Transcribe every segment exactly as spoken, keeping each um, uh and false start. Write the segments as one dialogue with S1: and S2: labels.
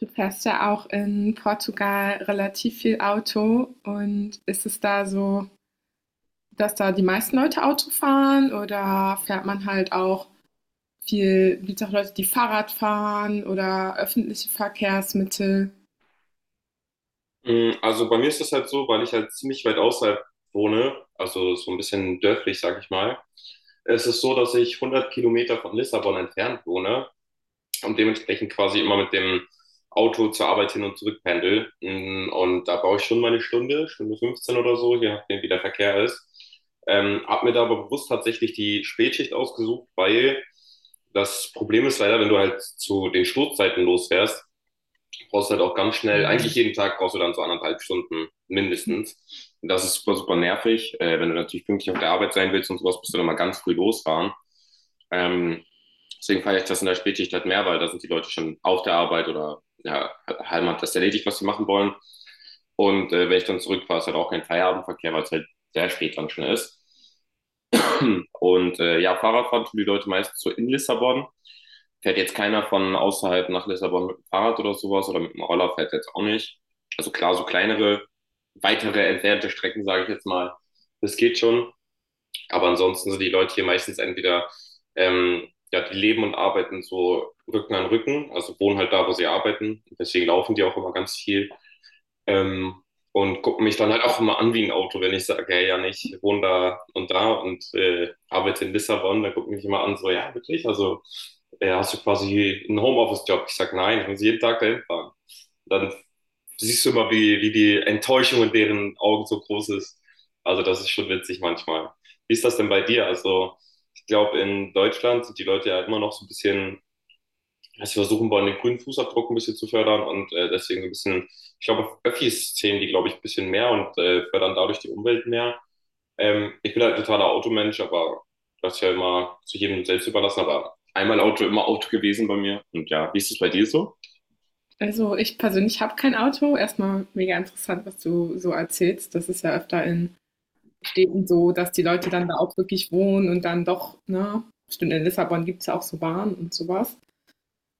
S1: Du fährst ja auch in Portugal relativ viel Auto. Und ist es da so, dass da die meisten Leute Auto fahren oder fährt man halt auch viel, gibt es auch Leute, die Fahrrad fahren oder öffentliche Verkehrsmittel?
S2: Mm, Also bei mir ist das halt so, weil ich halt ziemlich weit außerhalb wohne, also so ein bisschen dörflich, sag ich mal. Es ist so, dass ich 100 Kilometer von Lissabon entfernt wohne und dementsprechend quasi immer mit dem Auto zur Arbeit hin und zurück pendel. Mm, Und da brauche ich schon meine Stunde, Stunde fünfzehn oder so, je nachdem, wie der Verkehr ist. Ähm, hab mir da aber bewusst tatsächlich die Spätschicht ausgesucht, weil das Problem ist leider, wenn du halt zu den Stoßzeiten losfährst, Du brauchst halt auch ganz schnell, eigentlich jeden Tag brauchst du dann so anderthalb Stunden mindestens. Und das ist super, super nervig. Äh, wenn du natürlich pünktlich auf der Arbeit sein willst und sowas, musst du dann mal ganz früh losfahren. Ähm, Deswegen feiere ich das in der Spätschicht halt mehr, weil da sind die Leute schon auf der Arbeit oder ja, Halm hat das erledigt, was sie machen wollen. Und äh, wenn ich dann zurückfahre, ist halt auch kein Feierabendverkehr, weil es halt sehr spät dann schon ist. Und äh, ja, Fahrradfahren tun die Leute meistens so in Lissabon. Fährt jetzt keiner von außerhalb nach Lissabon mit dem Fahrrad oder sowas oder mit dem Roller fährt jetzt auch nicht. Also klar, so kleinere, weitere entfernte Strecken, sage ich jetzt mal, das geht schon. Aber ansonsten sind die Leute hier meistens entweder, ähm, ja, die leben und arbeiten so Rücken an Rücken, also wohnen halt da, wo sie arbeiten. Deswegen laufen die auch immer ganz viel. Ähm, und gucke mich dann halt auch immer an wie ein Auto, wenn ich sage, hey, ja, ich wohne da und da und äh, arbeite in Lissabon, dann gucken mich immer an, so, ja, wirklich, also äh, hast du quasi einen Homeoffice-Job? Ich sage, nein, ich muss jeden Tag dahin fahren. Dann siehst du immer, wie, wie die Enttäuschung in deren Augen so groß ist. Also das ist schon witzig manchmal. Wie ist das denn bei dir? Also ich glaube, in Deutschland sind die Leute ja immer noch so ein bisschen, also versuchen wollen, den grünen Fußabdruck ein bisschen zu fördern und äh, deswegen so ein bisschen, ich glaube, Öffis zählen die, glaube ich, ein bisschen mehr und äh, fördern dadurch die Umwelt mehr. Ähm, ich bin halt ein totaler Automensch, aber das ist ja immer zu jedem selbst überlassen, aber einmal Auto, immer Auto gewesen bei mir. Und ja, wie ist es bei dir so?
S1: Also ich persönlich habe kein Auto. Erstmal mega interessant, was du so erzählst. Das ist ja öfter in Städten so, dass die Leute dann da auch wirklich wohnen und dann doch, ne? Stimmt, in Lissabon gibt es ja auch so Bahnen und sowas.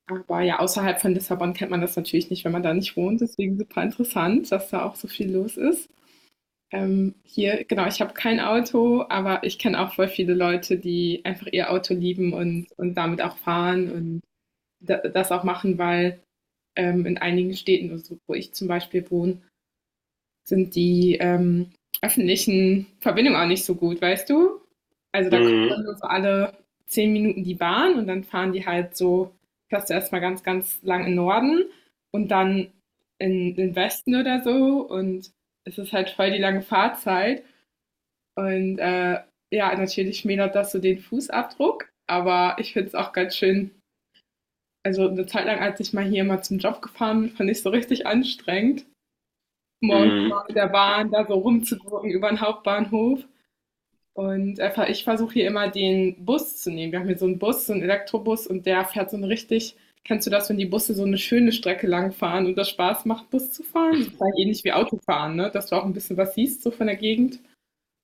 S1: Aber ja, außerhalb von Lissabon kennt man das natürlich nicht, wenn man da nicht wohnt. Deswegen super interessant, dass da auch so viel los ist. Ähm, hier, genau, ich habe kein Auto, aber ich kenne auch voll viele Leute, die einfach ihr Auto lieben und, und damit auch fahren und da, das auch machen, weil ähm, in einigen Städten, also wo ich zum Beispiel wohne, sind die ähm, öffentlichen Verbindungen auch nicht so gut, weißt du? Also, da kommt
S2: Mhm,
S1: dann nur so alle zehn Minuten die Bahn und dann fahren die halt so, fährst du erst ganz, ganz lang in Norden und dann in den Westen oder so, und es ist halt voll die lange Fahrzeit und, äh, ja, natürlich schmälert das so den Fußabdruck, aber ich finde es auch ganz schön. Also, eine Zeit lang, als ich mal hier mal zum Job gefahren bin, fand ich's so richtig anstrengend, morgens
S2: mhm.
S1: mal mit der Bahn da so rumzugurken über den Hauptbahnhof. Und einfach, ich versuche hier immer den Bus zu nehmen. Wir haben hier so einen Bus, so einen Elektrobus, und der fährt so eine richtig, kennst du das, wenn die Busse so eine schöne Strecke lang fahren und das Spaß macht, Bus zu fahren? So ähnlich wie Autofahren, ne, dass du auch ein bisschen was siehst so von der Gegend.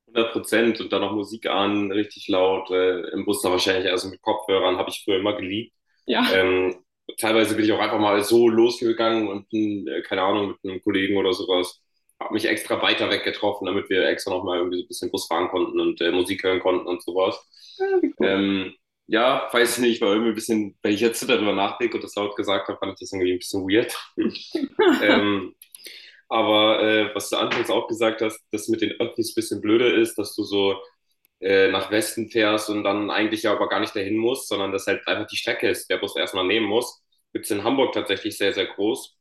S2: Hundert Prozent und dann noch Musik an, richtig laut, äh, im Bus dann wahrscheinlich, also mit Kopfhörern, habe ich früher immer geliebt.
S1: Ja,
S2: Ähm, Teilweise bin ich auch einfach mal so losgegangen und bin, äh, keine Ahnung, mit einem Kollegen oder sowas, habe mich extra weiter weg getroffen, damit wir extra nochmal irgendwie so ein bisschen Bus fahren konnten und äh, Musik hören konnten und sowas.
S1: ja, wie cool.
S2: Ähm, ja, weiß nicht, war irgendwie ein bisschen, wenn ich jetzt darüber nachdenke und das laut gesagt habe, fand ich das irgendwie ein bisschen weird. ähm, aber äh, was du anfangs auch gesagt hast, dass mit den Öffis ein bisschen blöder ist, dass du so äh, nach Westen fährst und dann eigentlich ja aber gar nicht dahin musst, sondern dass halt einfach die Strecke ist, der Bus erstmal nehmen muss. Gibt es in Hamburg tatsächlich sehr, sehr groß.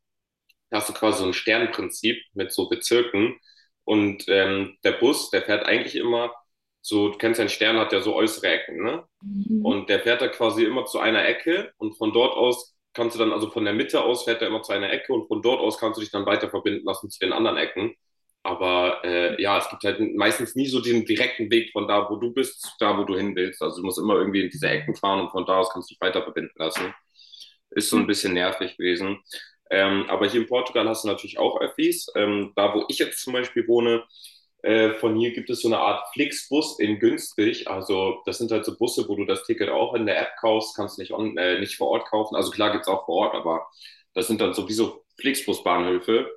S2: Da hast du quasi so ein Sternprinzip mit so Bezirken. Und ähm, der Bus, der fährt eigentlich immer so, du kennst ja, ein Stern hat ja so äußere Ecken, ne?
S1: Mhm.
S2: Und der fährt da quasi immer zu einer Ecke und von dort aus kannst du dann, also von der Mitte aus fährt er immer zu einer Ecke und von dort aus kannst du dich dann weiter verbinden lassen zu den anderen Ecken. Aber äh, ja, es gibt halt meistens nie so den direkten Weg von da, wo du bist, zu da, wo du hin willst. Also du musst immer irgendwie in diese Ecken fahren und von da aus kannst du dich weiter verbinden lassen. Ist so
S1: Ja,
S2: ein bisschen nervig gewesen. Ähm, aber hier in Portugal hast du natürlich auch Öffis. Ähm, da, wo ich jetzt zum Beispiel wohne, äh, von hier gibt es so eine Art Flixbus in günstig. Also das sind halt so Busse, wo du das Ticket auch in der App kaufst, kannst nicht, on, äh, nicht vor Ort kaufen. Also klar gibt es auch vor Ort, aber das sind dann sowieso Flixbus-Bahnhöfe.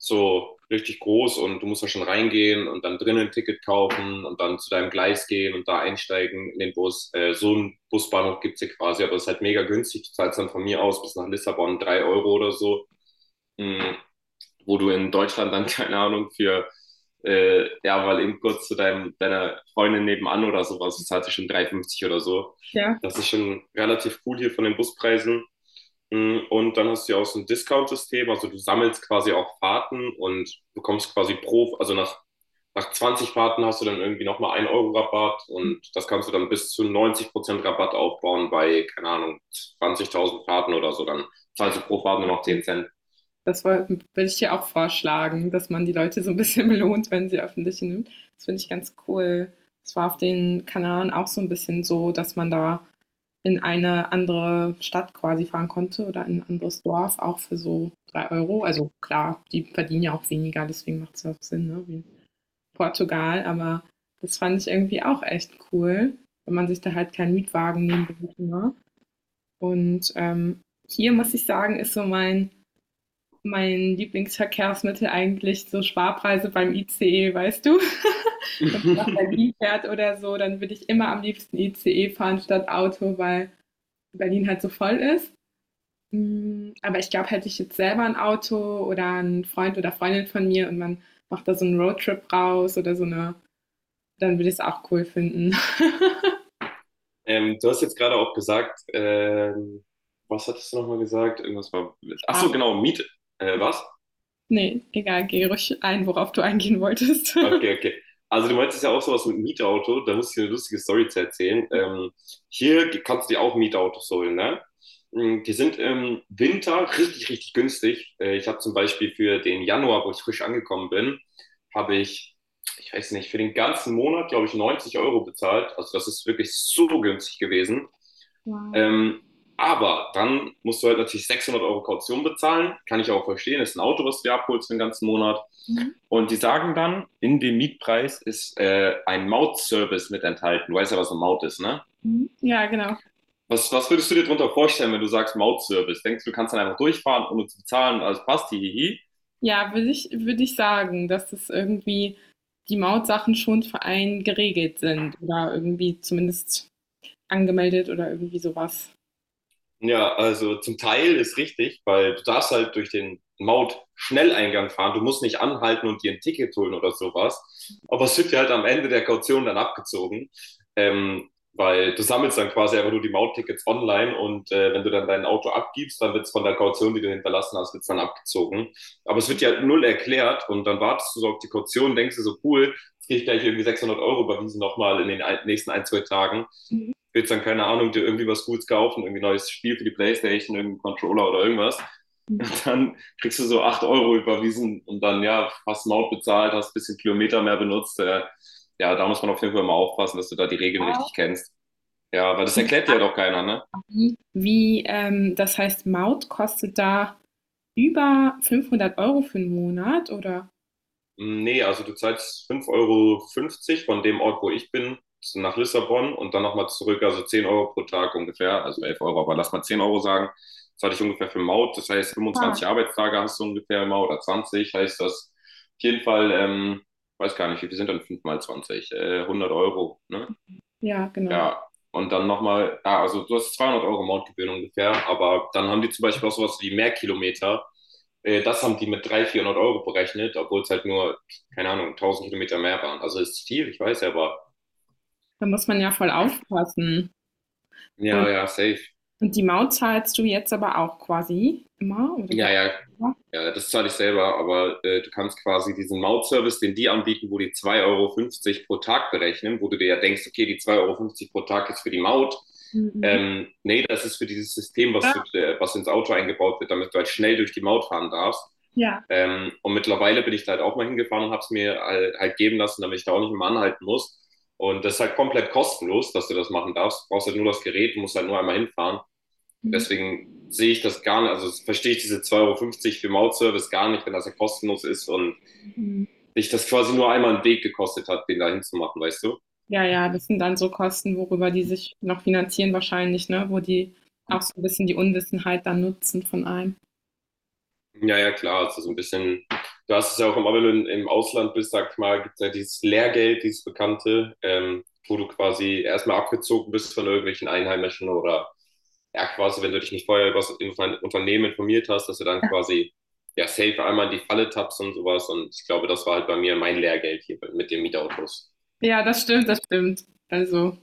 S2: So richtig groß, und du musst da schon reingehen und dann drinnen ein Ticket kaufen und dann zu deinem Gleis gehen und da einsteigen in den Bus. Äh, so einen Busbahnhof gibt's hier quasi, aber es ist halt mega günstig. Du zahlst dann von mir aus bis nach Lissabon drei Euro oder so. Mm, Wo du in Deutschland dann, keine Ahnung, für, äh, ja, weil eben kurz zu deinem, deiner Freundin nebenan oder sowas, zahlt sich schon drei fünfzig oder so.
S1: ja,
S2: Das ist schon relativ cool hier von den Buspreisen. Mm, Und dann hast du ja auch so ein Discount-System, also du sammelst quasi auch Fahrten und bekommst quasi pro, also nach, nach zwanzig Fahrten hast du dann irgendwie nochmal ein Euro Rabatt, und das kannst du dann bis zu 90% Prozent Rabatt aufbauen bei, keine Ahnung, zwanzigtausend Fahrten oder so, dann zahlst du pro Fahrt nur noch zehn Cent.
S1: das woll würde ich dir auch vorschlagen, dass man die Leute so ein bisschen belohnt, wenn sie öffentliche nimmt. Das finde ich ganz cool. Das war auf den Kanaren auch so ein bisschen so, dass man da in eine andere Stadt quasi fahren konnte oder in ein anderes Dorf, auch für so drei Euro. Also klar, die verdienen ja auch weniger, deswegen macht es ja auch Sinn, ne? Wie in Portugal. Aber das fand ich irgendwie auch echt cool, wenn man sich da halt keinen Mietwagen nehmen musste. Ne? Und ähm, hier muss ich sagen, ist so mein, mein Lieblingsverkehrsmittel eigentlich so Sparpreise beim I C E, weißt du? Wenn man nach Berlin fährt oder so, dann würde ich immer am liebsten I C E fahren statt Auto, weil Berlin halt so voll ist. Hm, aber ich glaube, hätte ich jetzt selber ein Auto oder 'n Freund oder Freundin von mir und man macht da so 'n Roadtrip raus oder so eine, dann würde ich es auch cool finden.
S2: Ähm, du hast jetzt gerade auch gesagt, ähm, was hattest du nochmal gesagt? Irgendwas war mit. Ach
S1: Ja,
S2: so, genau, Miet. Äh, was?
S1: ne, egal, geh ruhig ein, worauf du eingehen wolltest.
S2: Okay, okay. Also du meintest ja auch sowas mit Mietauto, da muss ich dir eine lustige Story zu erzählen. Ähm, hier kannst du dir auch Mietautos holen, ne? Mm, Die sind im Winter richtig, richtig günstig. Äh, ich habe zum Beispiel für den Januar, wo ich frisch angekommen bin, habe ich, ich weiß nicht, für den ganzen Monat, glaube ich, neunzig Euro bezahlt. Also das ist wirklich so günstig gewesen.
S1: Wow.
S2: Ähm, aber dann musst du halt natürlich sechshundert Euro Kaution bezahlen. Kann ich auch verstehen. Das Ist ein Auto, was du dir abholst für den ganzen Monat.
S1: Mhm,
S2: Und die sagen dann, in dem Mietpreis ist äh, ein Mautservice mit enthalten. Du weißt ja, was eine Maut ist, ne?
S1: mhm. Ja, genau.
S2: Was, was würdest du dir darunter vorstellen, wenn du sagst Mautservice? Denkst du, du kannst dann einfach durchfahren, ohne zu bezahlen und alles passt, hihihi? Hi, hi.
S1: Ja, würde ich würde ich sagen, dass es irgendwie die Mautsachen schon für einen geregelt sind oder irgendwie zumindest angemeldet oder irgendwie sowas
S2: Ja, also zum Teil ist richtig, weil du darfst halt durch den Maut-Schnelleingang fahren. Du musst nicht anhalten und dir ein Ticket holen oder sowas. Aber es wird dir halt am Ende der Kaution dann abgezogen, ähm, weil du sammelst dann quasi einfach nur die Mauttickets online, und äh, wenn du dann dein Auto abgibst, dann wird es von der Kaution, die du hinterlassen hast, wird's dann abgezogen. Aber es wird dir halt null erklärt und dann wartest du so auf die Kaution, denkst dir so, cool, jetzt krieg ich gleich irgendwie sechshundert Euro überwiesen nochmal in den ein- nächsten ein, zwei Tagen, willst dann, keine Ahnung, dir irgendwie was Gutes kaufen, irgendwie neues Spiel für die Playstation, irgendeinen Controller oder irgendwas. Und dann kriegst du so acht Euro überwiesen und dann, ja, hast einen Maut bezahlt, hast ein bisschen Kilometer mehr benutzt. Äh, ja, da muss man auf jeden Fall mal aufpassen, dass du da die Regeln richtig kennst. Ja, weil das erklärt dir ja doch keiner, ne?
S1: was. Mhm. Wie, ähm das heißt, Maut kostet da über fünfhundert Euro für einen Monat oder
S2: Nee, also du zahlst fünf Euro fünfzig von dem Ort, wo ich bin, nach Lissabon und dann nochmal zurück, also zehn Euro pro Tag ungefähr, also elf Euro, aber lass mal zehn Euro sagen. Das hatte ich ungefähr für Maut, das heißt fünfundzwanzig Arbeitstage hast du ungefähr immer oder zwanzig, heißt das auf jeden Fall, ähm, weiß gar nicht, wie viel sind dann fünf mal zwanzig? Äh, hundert Euro, ne?
S1: ja, genau.
S2: Ja, und dann nochmal, ah, also du hast zweihundert Euro Mountgebühren ungefähr, aber dann haben die zum Beispiel auch sowas wie Mehrkilometer. Äh, Das haben die mit dreihundert, vierhundert Euro berechnet, obwohl es halt nur, keine Ahnung, tausend Kilometer mehr waren. Also ist viel, ich weiß ja, aber
S1: Da muss man ja voll aufpassen.
S2: ja,
S1: Und
S2: ja, safe.
S1: und die Maut zahlst du jetzt aber auch quasi immer oder der
S2: Ja, ja,
S1: Anwalt?
S2: Ja, das zahle ich selber, aber äh, du kannst quasi diesen Mautservice, den die anbieten, wo die zwei Euro fünfzig pro Tag berechnen, wo du dir ja denkst, okay, die zwei Euro fünfzig pro Tag ist für die Maut.
S1: Mhm.
S2: Ähm, nee, das ist für dieses System, was, du,
S1: Ah,
S2: äh, was ins Auto eingebaut wird, damit du halt schnell durch die Maut fahren darfst.
S1: ja.
S2: Ähm, und mittlerweile bin ich da halt auch mal hingefahren und habe es mir halt, halt geben lassen, damit ich da auch nicht immer anhalten muss. Und das ist halt komplett kostenlos, dass du das machen darfst. Du brauchst halt nur das Gerät, musst halt nur einmal hinfahren. Und deswegen sehe ich das gar nicht, also verstehe ich diese zwei Euro fünfzig für Mautservice gar nicht, wenn das ja kostenlos ist und
S1: Mhm.
S2: dich das quasi nur einmal einen Weg gekostet hat, den da hinzumachen, weißt du?
S1: Ja, ja, das sind dann so Kosten, worüber die sich noch finanzieren wahrscheinlich, ne, wo die auch so ein bisschen die Unwissenheit dann nutzen von einem.
S2: Ja, ja, klar, also so ein bisschen, du hast es ja auch, im, wenn du im Ausland bist, sag ich mal, gibt es ja dieses Lehrgeld, dieses Bekannte, ähm, wo du quasi erstmal abgezogen bist von irgendwelchen Einheimischen, oder ja, quasi, wenn du dich nicht vorher über das Unternehmen informiert hast, dass du dann quasi ja safe einmal in die Falle tappst und sowas. Und ich glaube, das war halt bei mir mein Lehrgeld hier mit den Mietautos.
S1: Ja, das stimmt, das stimmt. Also